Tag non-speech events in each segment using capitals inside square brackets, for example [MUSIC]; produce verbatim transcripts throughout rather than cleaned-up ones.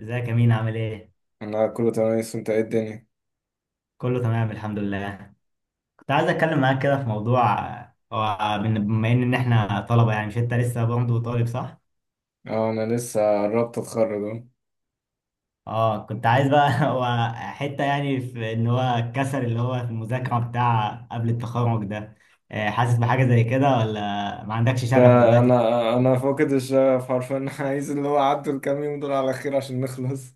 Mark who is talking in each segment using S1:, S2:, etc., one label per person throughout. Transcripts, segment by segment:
S1: ازيك يا مين، عامل ايه؟
S2: انا كله تمام. لسه انت ايه الدنيا؟
S1: كله تمام الحمد لله. كنت عايز اتكلم معاك كده في موضوع. هو بن- بما ان إن احنا طلبة، يعني مش انت لسه برضه طالب صح؟
S2: اه انا لسه قربت اتخرج اهو.
S1: اه كنت عايز بقى [LAUGHS] هو حتة يعني في ان هو الكسل اللي هو في المذاكرة بتاع قبل التخرج ده. آه، حاسس بحاجة زي كده ولا ما عندكش
S2: ده
S1: شغف دلوقتي؟
S2: انا انا فاقد الشغف حرفيا [LAUGHS] عايز اللي هو عدوا الكام يوم دول على خير عشان نخلص.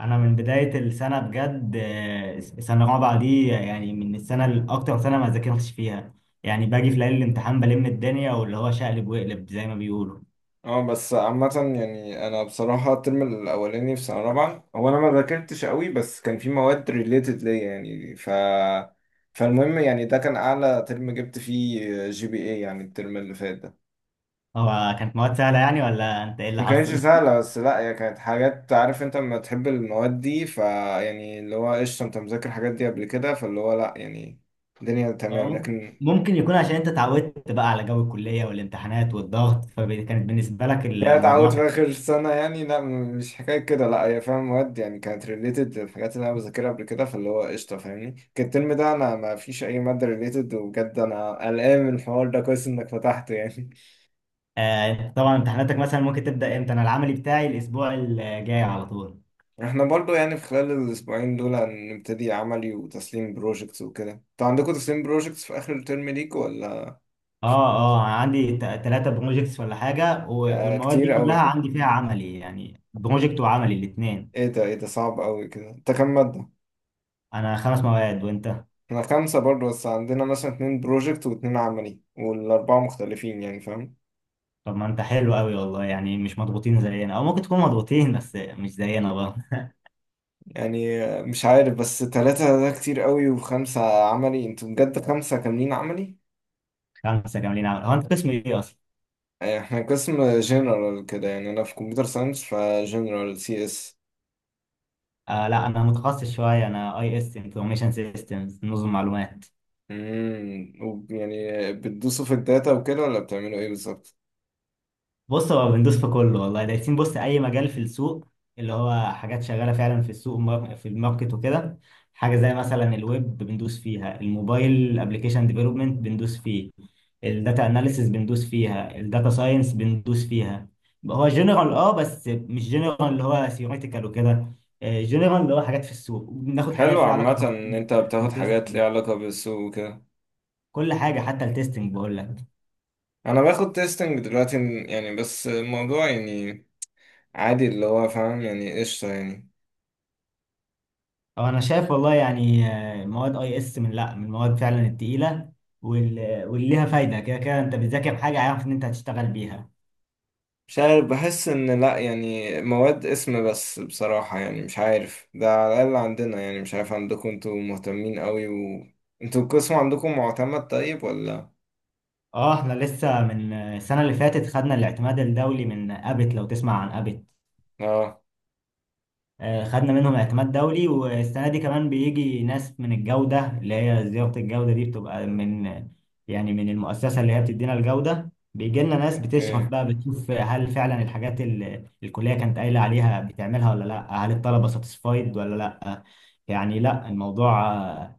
S1: انا من بداية السنة بجد آه، سنة رابعة دي يعني من السنة الاكتر سنة ما ذاكرتش فيها. يعني باجي في ليالي الامتحان بلم الدنيا واللي هو شقلب وقلب زي ما بيقولوا.
S2: اه بس عامة يعني انا بصراحة الترم الاولاني في سنة رابعة هو انا ما ذاكرتش قوي، بس كان في مواد ريليتد ليا يعني ف فالمهم يعني ده كان اعلى ترم جبت فيه جي بي اي، يعني الترم اللي فات ده.
S1: هو كانت مواد سهلة يعني ولا انت ايه اللي
S2: ما كانتش
S1: حصل؟ [LAUGHS]
S2: سهلة، بس لا هي كانت حاجات، عارف انت لما تحب المواد دي فيعني اللي هو قشطة، انت مذاكر الحاجات دي قبل كده فاللي هو لا يعني الدنيا
S1: هو
S2: تمام.
S1: ممكن
S2: لكن
S1: ممكن يكون عشان انت اتعودت بقى على جو الكلية والامتحانات والضغط، فكانت بالنسبة لك
S2: جاي اتعود
S1: الموضوع
S2: في
S1: كان.
S2: اخر سنة يعني؟ لا م- مش حكاية كده، لا هي فاهم مواد يعني كانت ريليتد للحاجات اللي انا بذاكرها قبل كده فاللي هو قشطة، فاهمني؟ كان الترم ده انا ما فيش اي مادة ريليتد، وبجد انا قلقان من الحوار ده. كويس انك فتحته يعني.
S1: آه انت طبعا امتحاناتك مثلا ممكن تبدأ امتى؟ انا العملي بتاعي الاسبوع الجاي على طول.
S2: احنا برضو يعني في خلال الاسبوعين دول هنبتدي عملي وتسليم بروجكتس وكده. انتوا عندكم تسليم بروجكتس في اخر الترم ليك ولا؟ كفاية
S1: اه
S2: بس؟
S1: اه، عندي ثلاثة بروجيكتس ولا حاجة، و-
S2: آه
S1: والمواد دي
S2: كتير
S1: كلها
S2: قوي.
S1: عندي فيها عملي، يعني بروجكت وعملي الاثنين.
S2: ايه ده، ايه ده صعب قوي كده، انت كام مادة؟
S1: انا خمس مواد، وانت؟
S2: احنا خمسة برضو، بس عندنا مثلا اتنين بروجكت واتنين عملي والاربعة مختلفين، يعني فاهم؟
S1: طب ما انت حلو قوي والله، يعني مش مضغوطين زينا، او ممكن تكون مضغوطين بس مش زينا بقى.
S2: يعني آه، مش عارف، بس تلاتة ده كتير قوي وخمسة عملي؟ انتوا بجد خمسة كاملين عملي؟
S1: [LAUGHS] خمسة كاملين عمل، هو انت قسم ايه اصلا؟
S2: آه، احنا قسم جنرال كده، يعني انا في كمبيوتر ساينس، فجنرال سي اس.
S1: آه لا، انا متخصص شويه، انا اي اس انفورميشن سيستمز، نظم معلومات.
S2: امم وب- يعني بتدوسوا في الداتا وكده ولا بتعملوا ايه بالظبط؟
S1: بص هو بندوس في كله والله، دايسين بص اي مجال في السوق، اللي هو حاجات شغاله فعلا في السوق ومار- في الماركت وكده. حاجه زي مثلا الويب بندوس فيها، الموبايل ابلكيشن ديفلوبمنت بندوس فيه، الداتا اناليسيس بندوس فيها، الداتا ساينس بندوس فيها. هو جنرال اه، بس مش جنرال اللي هو ثيوريتيكال وكده، جنرال اللي هو حاجات في السوق، بناخد
S2: حلو
S1: حاجات ليها علاقه
S2: عامة
S1: كمان
S2: ان انت بتاخد حاجات
S1: بالتستنج.
S2: ليها علاقة بالسوق وكده.
S1: كل حاجه حتى التستنج بقول لك.
S2: انا باخد تيستنج دلوقتي يعني، بس الموضوع يعني عادي، اللي هو فاهم يعني قشطة يعني.
S1: أو انا شايف والله يعني آه، مواد اي اس من لا من المواد فعلا التقيله، وال- واللي ليها فايده، كده كده انت بتذاكر حاجه عارف ان انت هتشتغل بيها.
S2: مش عارف، بحس ان لا يعني مواد اسم بس بصراحة، يعني مش عارف ده على الاقل عندنا، يعني مش عارف عندكم، انتوا مهتمين قوي و انتوا القسم عندكم معتمد طيب ولا؟
S1: اه احنا لسه من آه، السنه اللي فاتت خدنا الاعتماد الدولي من ابت، لو تسمع عن ابت.
S2: اه،
S1: آه، خدنا منهم اعتماد دولي، والسنه دي كمان بيجي ناس من الجوده اللي هي زياره الجوده، دي بتبقى من يعني من المؤسسه اللي هي بتدينا الجوده، بيجي لنا ناس بتشرف
S2: اوكي،
S1: بقى بتشوف هل فعلا الحاجات اللي الكليه كانت قايله عليها بتعملها ولا لا، هل الطلبه ساتسفايد ولا لا. يعني لا، الموضوع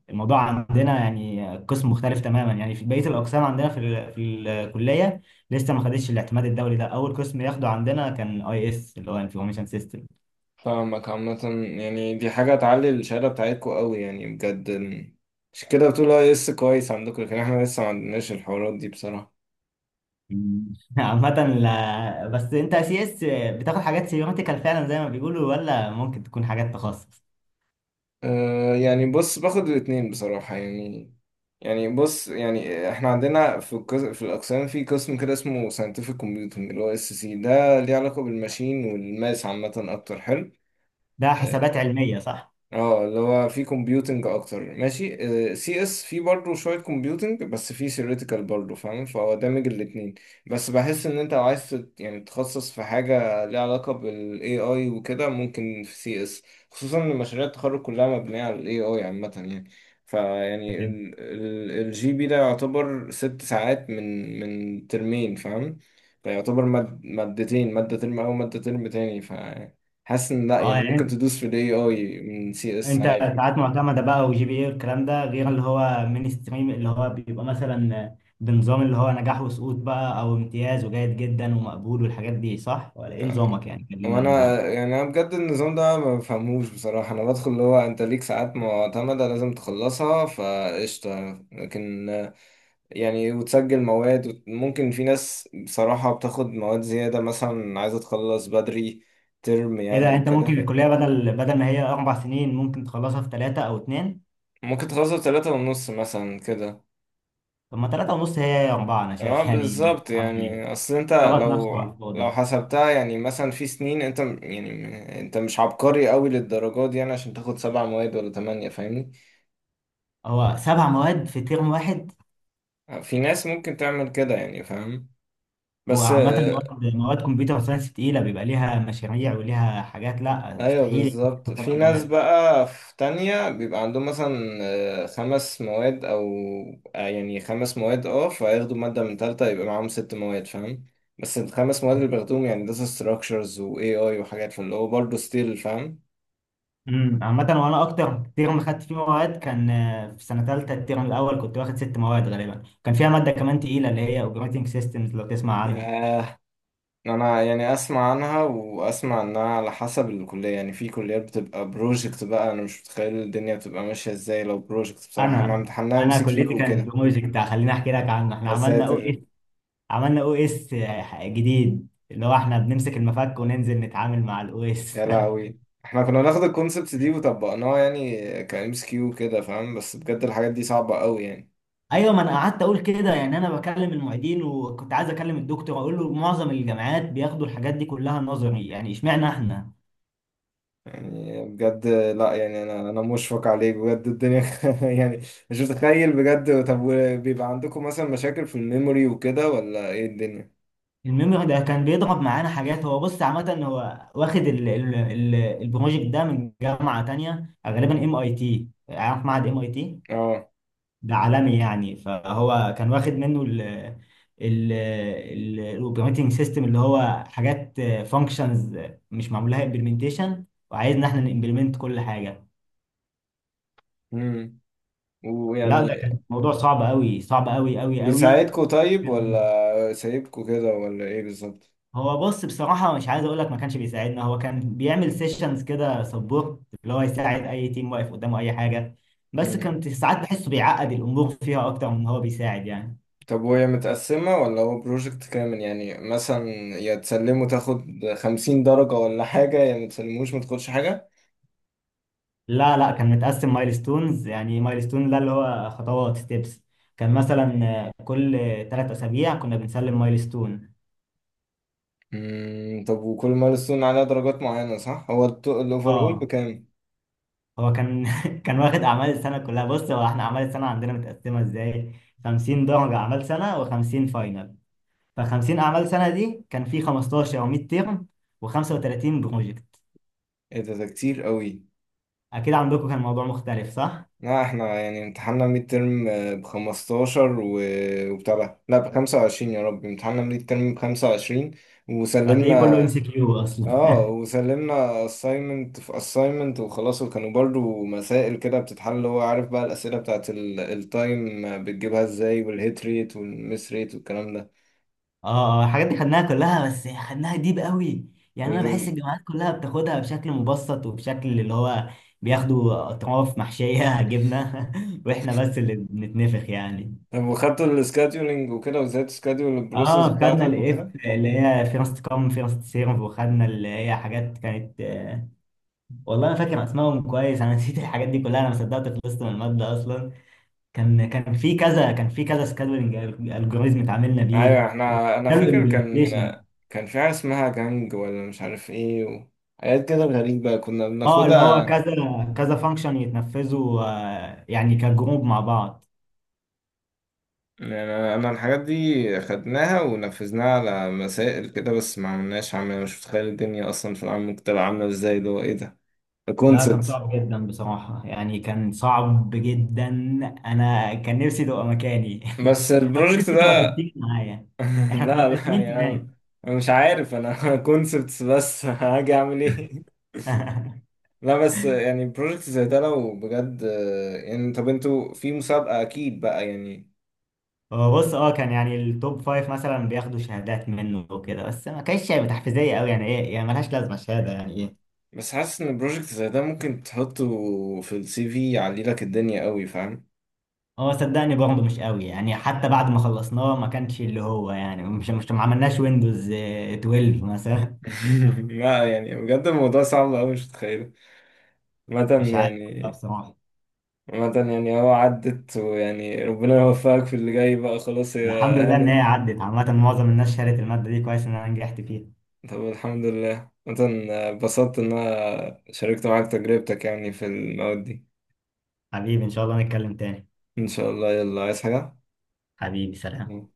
S1: الموضوع عندنا يعني قسم مختلف تماما، يعني في بقيه الاقسام عندنا في ال- في الكليه لسه ما خدتش الاعتماد الدولي ده، اول قسم ياخده عندنا كان اي اس اللي هو انفورميشن سيستم.
S2: فاهمك عامة. يعني دي حاجة تعلي الشهادة بتاعتكوا قوي يعني بجد. عشان كده بتقول اي اس كويس عندكم، لكن احنا لسه ما عندناش الحوارات دي بصراحة.
S1: مم. [LAUGHS] عامة لا، بس انت سي اس بتاخد حاجات سيماتيكال فعلا زي ما بيقولوا، ولا ممكن تكون حاجات تخصص؟
S2: أه يعني بص، باخد الاتنين بصراحة يعني. يعني بص، يعني احنا عندنا في القس- في الأقسام في قسم كده اسمه scientific computing، اللي هو اس سي، ده ليه علاقة بالماشين والماس عامة أكتر، حلو.
S1: ده
S2: آه،
S1: حسابات علمية صح؟
S2: اه اللي هو في كومبيوتنج اكتر، ماشي. سي اس في برضه شويه كومبيوتنج، بس في ثيوريتيكال برضه فاهم، فهو دامج الاتنين. بس بحس ان انت لو عايز تت- يعني تتخصص في حاجه ليها علاقه بالاي اي وكده، ممكن في سي اس، خصوصا ان مشاريع التخرج كلها مبنيه على الاي اي عامه يعني. فيعني
S1: فهمت.
S2: الجي بي ده يعتبر ست ساعات من من ترمين، فاهم؟ فيعتبر ماد- مادتين، مادة ترم أو مادة ترم تاني. حاسس ان لا
S1: اه
S2: يعني ممكن
S1: يعني
S2: تدوس في الاي اي من سي اس
S1: انت
S2: عادي.
S1: ساعات معتمدة بقى وجي بي اي والكلام ده، غير اللي هو مين ستريم اللي هو بيبقى مثلا بنظام اللي هو نجاح وسقوط بقى، او امتياز وجيد جدا ومقبول والحاجات دي صح؟ ولا ايه نظامك، يعني كلمنا عن
S2: وانا
S1: نظامك.
S2: يعني انا بجد النظام ده ما بفهموش بصراحه. انا بدخل اللي هو انت ليك ساعات معتمده لازم تخلصها فقشطه، لكن آه، يعني وتسجل مواد وت- ممكن في ناس بصراحه بتاخد مواد زياده، مثلا عايزه تخلص بدري ترم
S1: ايه
S2: يعني
S1: ده، انت ممكن
S2: وكده.
S1: الكلية بدل بدل ما هي اربع سنين ممكن تخلصها في ثلاثة او اتنين؟
S2: ممكن تخلصها بتلاتة ونص مثلا كده.
S1: طب ما ثلاثة ونص هي اربعة انا
S2: اه
S1: شايف، يعني
S2: بالظبط.
S1: عمل ايه؟
S2: يعني اصل انت
S1: ضغط
S2: لو
S1: نفسه على
S2: لو
S1: الفاضي.
S2: حسبتها يعني مثلا في سنين، انت م- يعني م- انت مش عبقري قوي للدرجة دي يعني عشان تاخد سبع مواد ولا تمانية، فاهمني؟
S1: هو سبع مواد في ترم واحد؟
S2: آه، في ناس ممكن تعمل كده يعني، فاهم؟
S1: هو
S2: بس
S1: عامة
S2: آه،
S1: مواد مواد كمبيوتر ساينس تقيلة بيبقى ليها مشاريع وليها حاجات، لا
S2: ايوه
S1: مستحيل يكون
S2: بالظبط. في
S1: سبع
S2: ناس
S1: مواد.
S2: بقى في تانية بيبقى عندهم مثلا آه، خمس مواد او آه، يعني خمس مواد، اه، فياخدوا مادة من تالتة يبقى معاهم ست مواد، فاهم؟ بس الخمس مواد اللي بياخدوهم يعني داتا ستراكشرز و A I وحاجات، فاللي هو برضه ستيل فاهم.
S1: امم، عامة وانا اكتر ترم خدت فيه مواد كان آه، في سنة تالتة الترم الاول، كنت واخد ست مواد غالبا كان فيها مادة كمان تقيلة اللي هي اوبريتنج سيستمز، لو تسمع عنها.
S2: ياه، انا يعني اسمع عنها واسمع انها على حسب الكليه، يعني في كليات بتبقى بروجكت بقى. انا مش متخيل الدنيا بتبقى ماشيه ازاي لو بروجكت، بصراحه احنا
S1: انا
S2: امتحناها ام
S1: انا
S2: سي
S1: كليتي
S2: كيو
S1: كانت
S2: وكده.
S1: بروجكت، خليني احكي لك عنه. احنا
S2: يا
S1: عملنا او اس
S2: ساتر.
S1: عملنا او اس جديد، اللي هو احنا بنمسك المفك وننزل نتعامل مع الاو
S2: يا
S1: اس.
S2: لهوي. احنا كنا ناخد الكونسبت دي وطبقناها يعني كام سي كيو كده، فاهم؟ بس بجد الحاجات دي صعبه قوي يعني.
S1: ايوه ما انا قعدت اقول كده، يعني انا بكلم المعيدين وكنت عايز اكلم الدكتور اقول له معظم الجامعات بياخدوا الحاجات دي كلها نظري، يعني اشمعنى احنا.
S2: يعني بجد لا يعني انا انا مشفق عليك بجد الدنيا [LAUGHS] يعني مش متخيل بجد. طب بيبقى عندكم مثلا مشاكل في الميموري وكده ولا ايه الدنيا؟
S1: الميموري ده كان بيضرب معانا حاجات، هو بص عامه هو واخد ال ال ال البروجكت ده من جامعه تانية، غالبا ام اي تي، عارف معهد ام اي تي؟
S2: اه،
S1: ده عالمي يعني، فهو كان واخد منه ال ال الاوبريتنج سيستم اللي هو حاجات فانكشنز مش معمول لها امبلمنتيشن، وعايزنا احنا نمبلمنت كل حاجه.
S2: امم،
S1: لا ده
S2: ويعني
S1: كان موضوع صعب قوي، صعب قوي قوي قوي.
S2: بيساعدكوا طيب
S1: كان
S2: ولا سايبكوا كده ولا ايه بالظبط؟
S1: هو بص بصراحة مش عايز اقول لك ما كانش بيساعدنا، هو كان بيعمل سيشنز كده سبورت اللي هو يساعد اي تيم واقف قدامه اي حاجة، بس
S2: مم.
S1: كنت ساعات بحسه بيعقد الامور فيها اكتر من هو بيساعد يعني.
S2: طب وهي متقسمة ولا هو بروجكت كامل؟ يعني مثلا يا تسلمه تاخد خمسين درجة ولا حاجة، يا متسلموش متاخدش حاجة؟
S1: لا لا، كان متقسم مايلستونز، يعني مايلستون ده اللي هو خطوات ستيبس. كان مثلا آه، كل ثلاث اسابيع كنا بنسلم مايلستون.
S2: مم. طب وكل مايلستون عليها درجات معينة صح؟ هو الأوفر أول
S1: اه
S2: بكام؟
S1: هو كان [LAUGHS] كان واخد اعمال السنه كلها، بص هو احنا اعمال السنه عندنا متقسمه ازاي، خمسين درجه اعمال سنه و50 فاينل. ف50 اعمال سنه دي كان في خمسة عشر او مية ترم و35 بروجكت.
S2: ايه ده، ده كتير قوي.
S1: اكيد عندكم كان موضوع مختلف صح؟
S2: لا احنا يعني امتحاننا ميد ترم بخمستاشر و... وبتاع ده. لا بخمسة وعشرين، يا رب، امتحاننا ميد ترم بخمسة وعشرين.
S1: وهتلاقيه كله
S2: وسلمنا.
S1: ام سي كيو اصلا.
S2: اه
S1: [LAUGHS]
S2: وسلمنا assignment في assignment وخلاص، وكانوا برضو مسائل كده بتتحل. هو عارف بقى الأسئلة بتاعت التايم بتجيبها ازاي، والهيت ريت والمس ريت والكلام ده.
S1: اه آه، الحاجات دي خدناها كلها، بس خدناها ديب قوي، يعني انا بحس
S2: وال-
S1: الجامعات كلها بتاخدها بشكل مبسط، وبشكل اللي هو بياخدوا اطراف محشيه [LAUGHS] جبنه [LAUGHS] واحنا بس اللي بنتنفخ يعني.
S2: طب وخدتوا السكادولينج وكده، وازاي تسكادول البروسيس
S1: اه خدنا
S2: بتاعتك
S1: الاف
S2: وكده؟
S1: اللي هي فيرست كام فيرست سيرف، وخدنا اللي هي حاجات كانت آه، والله انا فاكر اسمائهم كويس انا [LAUGHS] نسيت الحاجات دي كلها، انا ما صدقت خلصت من الماده اصلا. كان كان في كذا كان في كذا سكادولينج الجوريزم اتعاملنا بيه
S2: ايوه احنا انا
S1: وعملوا
S2: فاكر كان
S1: امبلمنتيشن.
S2: كان في حاجة اسمها جانج ولا مش عارف ايه و... حاجات كده غريبة كنا
S1: اه اللي هو
S2: بناخدها.
S1: كذا كذا فانكشن يتنفذوا آه، يعني كجروب مع بعض.
S2: يعني انا أنا الحاجات دي خدناها ونفذناها على مسائل كده، بس ما عملناش عمل. أنا مش متخيل الدنيا اصلا في العام ممكن تبقى عامله ازاي، اللي هو ايه ده،
S1: لا كان
S2: كونسبت.
S1: صعب جدا بصراحة، يعني كان صعب جدا. أنا كان نفسي تبقى مكاني
S2: بس
S1: [LAUGHS] أو كان
S2: البروجكت
S1: نفسي تبقى في
S2: ده
S1: التيم معايا.
S2: [LAUGHS]
S1: إحنا كنا
S2: لا لا
S1: تلاتين
S2: يعني
S1: تمام.
S2: انا مش عارف انا [LAUGHS] كونسبتس بس هاجي اعمل ايه.
S1: [LAUGHS]
S2: لا بس يعني بروجكت زي ده لو بجد يعني، طب انتوا في مسابقة اكيد بقى يعني؟
S1: هو بص أه كان يعني التوب فايف مثلا بياخدوا شهادات منه وكده، بس ما كانتش يعني تحفيزية أوي، يعني إيه يعني ملهاش لازمة الشهادة، يعني إيه.
S2: بس حاسس ان بروجكت زي ده ممكن تحطه في السي في يعلي لك الدنيا قوي، فاهم؟
S1: هو صدقني برضه مش قوي يعني، حتى بعد ما خلصناه ما كانش اللي هو يعني مش مش ما عملناش ويندوز آه، اتناشر مثلا.
S2: [LAUGHS] لا يعني بجد الموضوع صعب أوي، مش متخيله
S1: [LAUGHS] مش
S2: عامة
S1: عارف
S2: يعني.
S1: بصراحة.
S2: عامة يعني هو عدت، ويعني ربنا يوفقك في اللي جاي بقى، خلاص
S1: الحمد
S2: يا
S1: لله ان هي
S2: هانم.
S1: عدت، عامة
S2: مم.
S1: معظم الناس شالت المادة دي، كويس ان انا نجحت فيها.
S2: [LAUGHS] طب الحمد لله. عامة اتبسطت إن أنا شاركت معاك تجربتك يعني في المواد دي.
S1: حبيبي ان شاء الله نتكلم تاني.
S2: إن شاء الله، يلا عايز حاجة؟
S1: حبيبي سلام.